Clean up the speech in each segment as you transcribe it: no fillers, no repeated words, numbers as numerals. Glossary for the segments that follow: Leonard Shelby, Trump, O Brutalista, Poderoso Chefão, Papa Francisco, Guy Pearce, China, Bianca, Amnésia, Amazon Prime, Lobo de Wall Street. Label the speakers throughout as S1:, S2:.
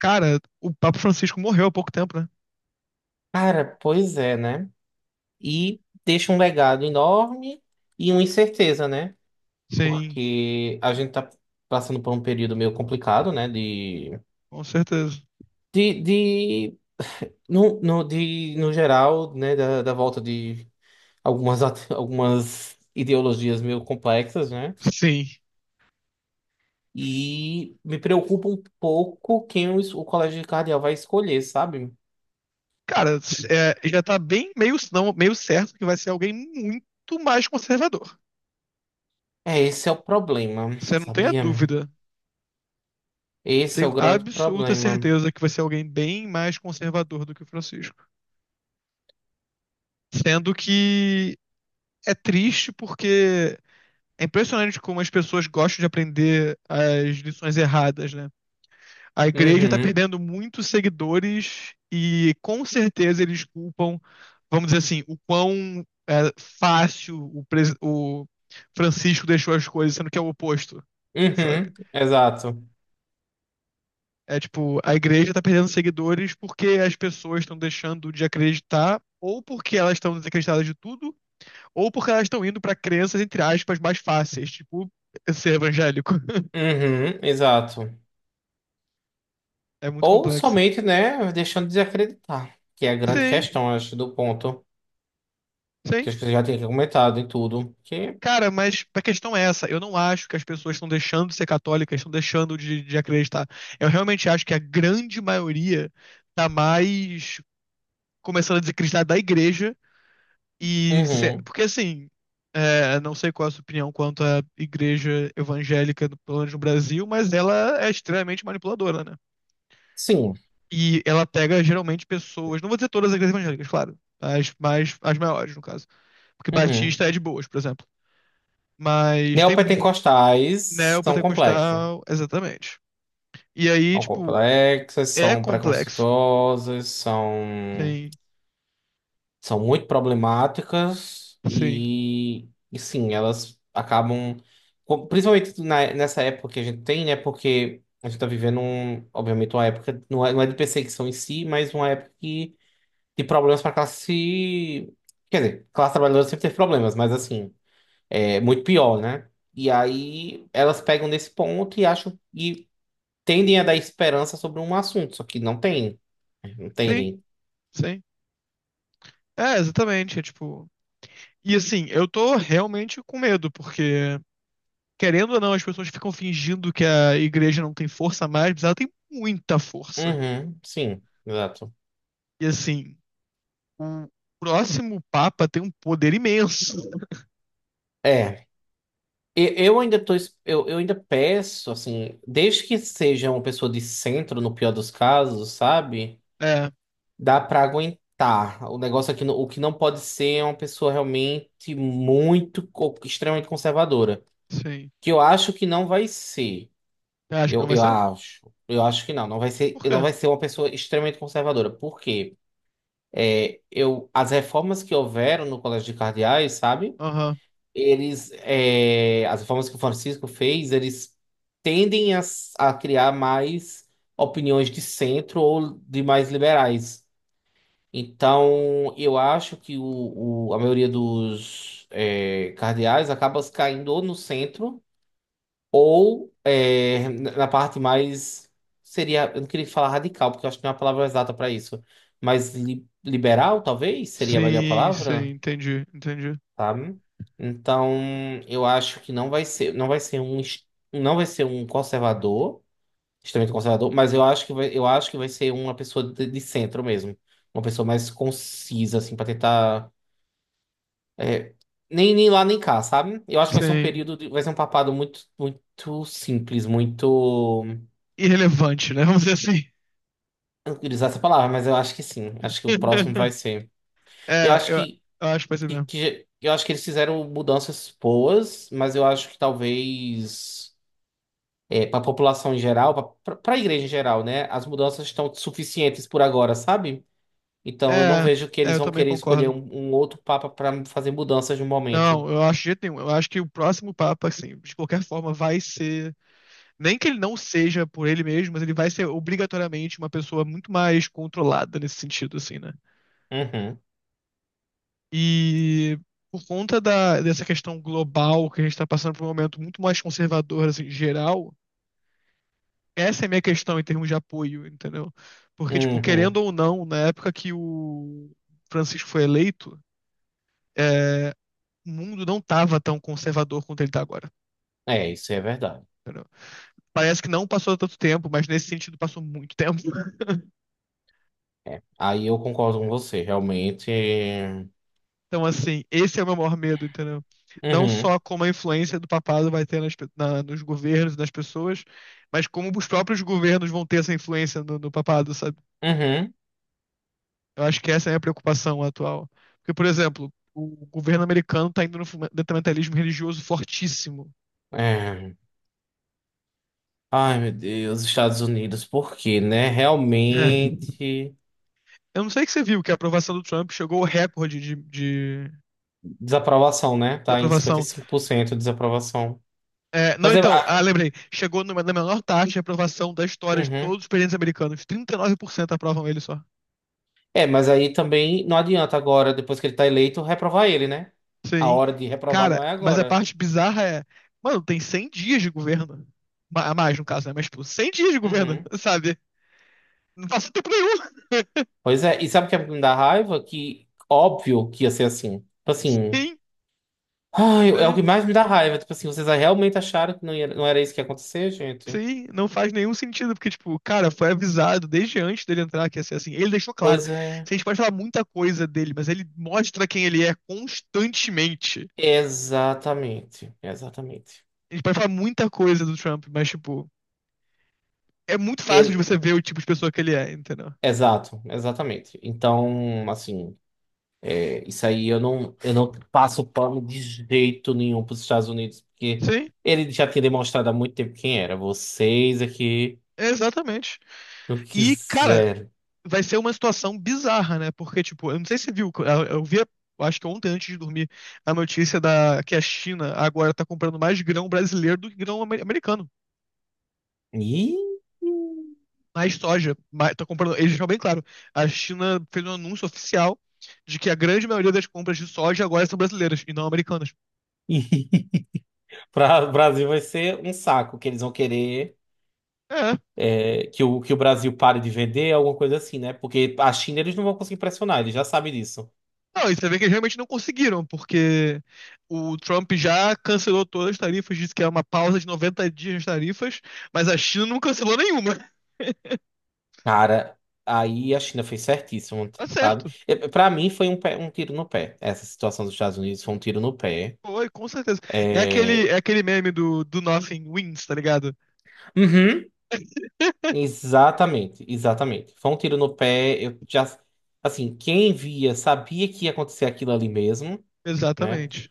S1: Cara, o Papa Francisco morreu há pouco tempo, né?
S2: Cara, pois é, né? E deixa um legado enorme e uma incerteza, né?
S1: Sim,
S2: Porque a gente tá passando por um período meio complicado, né?
S1: com certeza.
S2: De, no, no, de, no geral, né? Da volta de algumas ideologias meio complexas, né?
S1: Sim.
S2: E me preocupa um pouco quem o colégio cardeal vai escolher, sabe?
S1: Cara, é, já tá bem meio, não, meio certo que vai ser alguém muito mais conservador.
S2: É, esse é o problema,
S1: Você não tem a
S2: sabia?
S1: dúvida. Eu
S2: Esse é o
S1: tenho
S2: grande
S1: absoluta
S2: problema.
S1: certeza que vai ser alguém bem mais conservador do que o Francisco. Sendo que é triste porque é impressionante como as pessoas gostam de aprender as lições erradas, né? A igreja está
S2: Uhum.
S1: perdendo muitos seguidores e com certeza eles culpam, vamos dizer assim, o quão é, fácil o Francisco deixou as coisas, sendo que é o oposto,
S2: Uhum,
S1: sabe?
S2: exato.
S1: É tipo, a igreja está perdendo seguidores porque as pessoas estão deixando de acreditar, ou porque elas estão desacreditadas de tudo, ou porque elas estão indo para crenças, entre aspas, mais fáceis, tipo ser evangélico.
S2: Uhum, exato.
S1: É muito
S2: Ou
S1: complexo.
S2: somente, né, deixando de acreditar, que é a grande
S1: Sim,
S2: questão, acho, do ponto,
S1: sim.
S2: que acho que você já tinha comentado e tudo, que,
S1: Cara, mas a questão é essa. Eu não acho que as pessoas estão deixando de ser católicas, estão deixando de acreditar. Eu realmente acho que a grande maioria tá mais começando a desacreditar da igreja e
S2: uhum,
S1: porque assim, é, não sei qual é a sua opinião quanto à igreja evangélica, pelo menos no Brasil, mas ela é extremamente manipuladora, né?
S2: sim,
S1: E ela pega geralmente pessoas, não vou dizer todas as igrejas evangélicas, claro, as maiores no caso, porque
S2: uhum.
S1: Batista é de boas, por exemplo. Mas tem muito
S2: Neopentecostais são complexos.
S1: Neopentecostal, exatamente. E aí,
S2: São
S1: tipo,
S2: complexas,
S1: é
S2: são
S1: complexo.
S2: preconceituosas, são...
S1: Sim,
S2: são muito problemáticas
S1: sim,
S2: e, e sim, elas acabam, principalmente nessa época que a gente tem, né? Porque a gente está vivendo, um, obviamente, uma época, não é de perseguição em si, mas uma época que, de problemas para a classe. Quer dizer, classe trabalhadora sempre teve problemas, mas assim, é muito pior, né? E aí elas pegam nesse ponto e acham e tendem a dar esperança sobre um assunto, só que não tem. Não
S1: sim,
S2: entendem?
S1: sim. É, exatamente. É tipo. E assim, eu tô realmente com medo, porque, querendo ou não, as pessoas ficam fingindo que a igreja não tem força mais, mas ela tem muita força.
S2: Uhum, sim, exato.
S1: E assim, o próximo Papa tem um poder imenso.
S2: É. E- Eu ainda tô, es- eu ainda peço, assim, desde que seja uma pessoa de centro, no pior dos casos, sabe?
S1: É,
S2: Dá pra aguentar. O negócio aqui, o que não pode ser é uma pessoa realmente muito extremamente conservadora.
S1: sim.
S2: Que eu acho que não vai ser.
S1: Acho que não
S2: Eu,
S1: vai
S2: eu
S1: ser?
S2: acho. Eu acho que não.
S1: Por
S2: Não
S1: quê?
S2: vai ser uma pessoa extremamente conservadora. Por quê? É, eu, as reformas que houveram no Colégio de Cardeais, sabe?
S1: Aham.
S2: Eles, é, as reformas que o Francisco fez, eles tendem a criar mais opiniões de centro ou de mais liberais. Então, eu acho que a maioria dos é, cardeais acaba caindo ou no centro ou é, na parte mais. Seria, eu não queria falar radical, porque eu acho que não é a palavra exata para isso. Mas liberal, talvez, seria a melhor
S1: Sim, sim,
S2: palavra?
S1: entendi, entendi.
S2: Sabe? Então, eu acho que não vai ser, não vai ser um conservador, extremamente conservador, mas eu acho que vai, eu acho que vai ser uma pessoa de centro mesmo, uma pessoa mais concisa assim para tentar é, nem nem lá nem cá, sabe? Eu acho que vai ser
S1: Sim.
S2: vai ser um papado muito muito simples, muito
S1: Irrelevante, né? Vamos dizer assim.
S2: eu não queria usar essa palavra, mas eu acho que sim, acho que o próximo vai ser. Eu
S1: É,
S2: acho
S1: eu, eu acho que vai ser mesmo.
S2: que eu acho que eles fizeram mudanças boas, mas eu acho que talvez para a população em geral, para a igreja em geral, né? As mudanças estão suficientes por agora, sabe? Então eu não
S1: É,
S2: vejo que
S1: é,
S2: eles
S1: eu
S2: vão
S1: também
S2: querer escolher
S1: concordo.
S2: um, um outro papa para fazer mudanças no momento.
S1: Não, eu acho de jeito nenhum. Eu acho que o próximo Papa, assim, de qualquer forma, vai ser. Nem que ele não seja por ele mesmo, mas ele vai ser obrigatoriamente uma pessoa muito mais controlada nesse sentido, assim, né?
S2: Uhum,
S1: E por conta dessa questão global que a gente está passando por um momento muito mais conservador, assim, geral, essa é a minha questão em termos de apoio, entendeu? Porque, tipo, querendo
S2: uhum.
S1: ou não, na época que o Francisco foi eleito, é, o mundo não estava tão conservador quanto ele está agora,
S2: É, isso é verdade.
S1: entendeu? Parece que não passou tanto tempo, mas nesse sentido passou muito tempo.
S2: Aí eu concordo com você, realmente.
S1: Então, assim, esse é o meu maior medo, entendeu? Não
S2: Uhum,
S1: só como a influência do papado vai ter nas nos governos e nas pessoas, mas como os próprios governos vão ter essa influência no papado, sabe?
S2: uhum.
S1: Eu acho que essa é a minha preocupação atual. Porque, por exemplo, o governo americano está indo no fundamentalismo religioso fortíssimo,
S2: É. Ai, meu Deus, Estados Unidos, por quê, né?
S1: né?
S2: Realmente.
S1: Eu não sei que você viu que a aprovação do Trump chegou ao recorde de
S2: Desaprovação, né? Tá em
S1: desaprovação.
S2: 55% de desaprovação.
S1: É, não,
S2: Mas é.
S1: então, ah,
S2: Ah,
S1: lembrei. Chegou numa, na menor taxa de aprovação da história de
S2: uhum.
S1: todos os presidentes americanos. 39% aprovam ele só.
S2: É, mas aí também não adianta agora, depois que ele tá eleito, reprovar ele, né? A
S1: Sim.
S2: hora de reprovar
S1: Cara,
S2: não é
S1: mas a
S2: agora.
S1: parte bizarra é. Mano, tem 100 dias de governo. A mais, no caso, né? Mas, tipo, 100 dias de governo,
S2: Uhum.
S1: sabe? Não faz tempo nenhum.
S2: Pois é, e sabe o que me dá raiva? Que óbvio que ia ser assim. Tipo assim,
S1: Sim,
S2: ai, é o que
S1: sim,
S2: mais me dá raiva. Tipo assim, vocês realmente acharam que não era isso que ia acontecer, gente?
S1: sim. Não faz nenhum sentido, porque, tipo, cara, foi avisado desde antes dele entrar que ia ser assim. Ele deixou claro.
S2: Pois é.
S1: A gente pode falar muita coisa dele, mas ele mostra quem ele é constantemente.
S2: Exatamente, exatamente.
S1: A gente pode falar muita coisa do Trump, mas, tipo. É muito fácil de
S2: Ele,
S1: você ver o tipo de pessoa que ele é, entendeu?
S2: exato, exatamente. Então, assim. Isso aí eu não passo pano de jeito nenhum para os Estados Unidos, porque
S1: Sim,
S2: ele já tinha demonstrado há muito tempo quem era. Vocês aqui
S1: exatamente.
S2: não
S1: E, cara,
S2: quiseram.
S1: vai ser uma situação bizarra, né? Porque, tipo, eu não sei se você viu, eu vi, eu acho que ontem antes de dormir, a notícia da que a China agora tá comprando mais grão brasileiro do que grão americano.
S2: Ih!
S1: Mais soja. Mais, tá comprando, eles deixaram bem claro. A China fez um anúncio oficial de que a grande maioria das compras de soja agora são brasileiras e não americanas.
S2: Para o Brasil vai ser um saco, que eles vão querer
S1: É.
S2: é, que o Brasil pare de vender, alguma coisa assim, né? Porque a China eles não vão conseguir pressionar, eles já sabem disso.
S1: Não, e você vê que eles realmente não conseguiram, porque o Trump já cancelou todas as tarifas, disse que é uma pausa de 90 dias nas tarifas, mas a China não cancelou nenhuma.
S2: Cara, aí a China fez certíssimo,
S1: Tá
S2: sabe?
S1: certo.
S2: Para mim foi um tiro no pé. Essa situação dos Estados Unidos foi um tiro no pé.
S1: Foi, com certeza.
S2: É,
S1: É aquele meme do, do Nothing Wins, tá ligado?
S2: uhum, exatamente, exatamente. Foi um tiro no pé. Eu já, assim, quem via sabia que ia acontecer aquilo ali mesmo, né?
S1: Exatamente.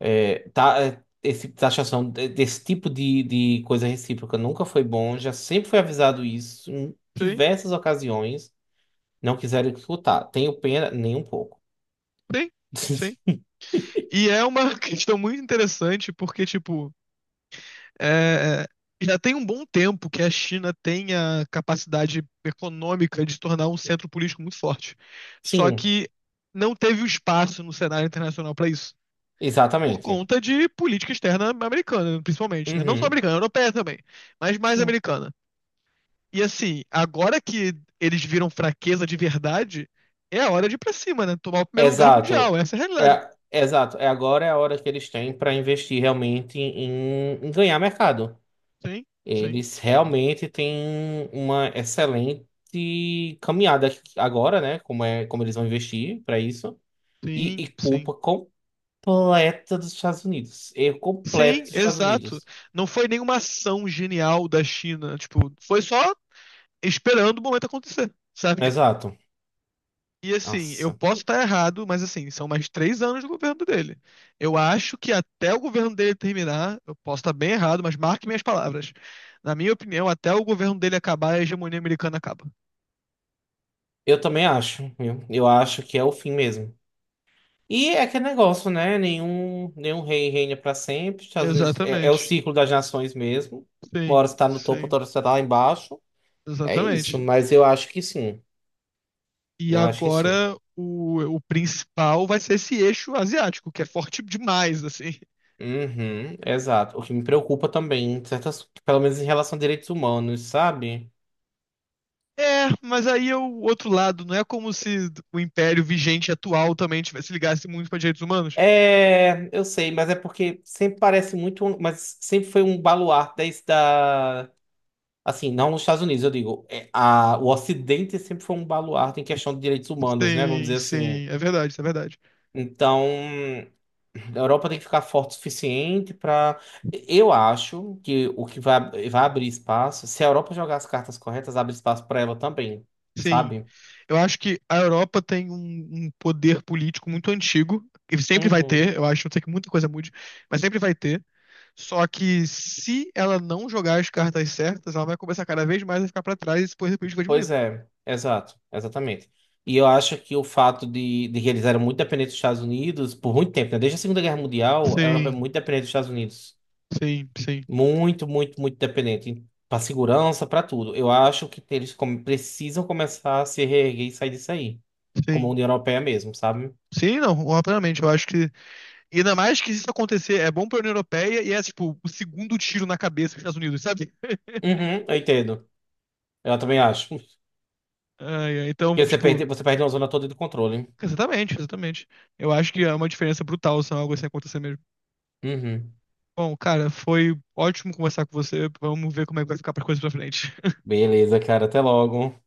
S2: É, tá, é, esse tipo de taxação, desse tipo de coisa recíproca nunca foi bom. Já sempre foi avisado isso em
S1: Sim,
S2: diversas ocasiões. Não quiseram escutar. Tenho pena, nem um pouco.
S1: sim, sim. E é uma questão muito interessante, porque, tipo, é, é, já tem um bom tempo que a China tem a capacidade econômica de se tornar um centro político muito forte. Só
S2: Sim,
S1: que não teve o espaço no cenário internacional para isso. Por
S2: exatamente.
S1: conta de política externa americana, principalmente, né? Não só
S2: Uhum,
S1: americana, europeia também, mas mais
S2: sim.
S1: americana. E assim, agora que eles viram fraqueza de verdade, é a hora de ir pra cima, né? Tomar o primeiro lugar mundial.
S2: Exato.
S1: Essa é a realidade.
S2: É, exato. É agora é a hora que eles têm para investir realmente em, em ganhar mercado.
S1: Sim, sim,
S2: Eles realmente têm uma excelente caminhada agora, né? Como é, como eles vão investir para isso. E,
S1: sim,
S2: e
S1: sim.
S2: culpa completa dos Estados Unidos. Erro completo
S1: Sim,
S2: dos Estados
S1: exato.
S2: Unidos.
S1: Não foi nenhuma ação genial da China, tipo, foi só esperando o momento acontecer, sabe?
S2: Exato.
S1: E assim, eu
S2: Nossa.
S1: posso estar errado, mas assim, são mais 3 anos do governo dele. Eu acho que até o governo dele terminar, eu posso estar bem errado, mas marque minhas palavras. Na minha opinião, até o governo dele acabar, a hegemonia americana acaba.
S2: Eu também acho, viu? Eu acho que é o fim mesmo. E é aquele negócio, né? Nenhum rei reina para sempre. Estados Unidos é, é o
S1: Exatamente.
S2: ciclo das nações mesmo. Uma
S1: Sim,
S2: hora você tá no topo,
S1: sim,
S2: outra hora você tá lá embaixo. É isso,
S1: exatamente.
S2: mas eu acho que sim.
S1: E
S2: Eu acho que sim.
S1: agora o principal vai ser esse eixo asiático, que é forte demais, assim.
S2: Uhum, exato. O que me preocupa também, certas, pelo menos em relação a direitos humanos, sabe?
S1: É, mas aí é o outro lado. Não é como se o império vigente atual também tivesse, se ligasse muito para direitos humanos.
S2: É, eu sei, mas é porque sempre parece muito, mas sempre foi um baluarte desde da, assim, não nos Estados Unidos, eu digo, é, a, o Ocidente sempre foi um baluarte em questão de direitos humanos, né? Vamos
S1: Sim,
S2: dizer assim.
S1: sim, é verdade, isso é verdade.
S2: Então, a Europa tem que ficar forte o suficiente para. Eu acho que o que vai, vai abrir espaço, se a Europa jogar as cartas corretas, abre espaço para ela também,
S1: Sim,
S2: sabe?
S1: eu acho que a Europa tem um poder político muito antigo. E sempre vai
S2: Uhum.
S1: ter, eu acho, não sei que muita coisa mude, mas sempre vai ter. Só que se ela não jogar as cartas certas, ela vai começar cada vez mais a ficar para trás e esse poder político vai
S2: Pois
S1: diminuindo.
S2: é, exato, exatamente. E eu acho que o fato de que eles eram muito dependentes dos Estados Unidos por muito tempo, né? Desde a Segunda Guerra Mundial, a Europa é
S1: Sim,
S2: muito dependente dos Estados Unidos.
S1: sim, sim,
S2: Muito, muito, muito dependente. Para segurança, para tudo. Eu acho que eles precisam começar a se reerguer e sair disso aí. Como a
S1: sim.
S2: União Europeia mesmo, sabe?
S1: Sim, não, rapidamente. Eu acho que. E ainda mais que se isso acontecer, é bom pra União Europeia e é, tipo, o segundo tiro na cabeça dos Estados Unidos, sabe?
S2: Uhum, eu entendo. Eu também acho.
S1: Ai, ai, então,
S2: Porque
S1: tipo,
S2: você perde uma zona toda de controle.
S1: exatamente, exatamente. Eu acho que é uma diferença brutal se algo assim acontecer mesmo.
S2: Uhum.
S1: Bom, cara, foi ótimo conversar com você. Vamos ver como é que vai ficar para coisas pra frente.
S2: Beleza, cara. Até logo.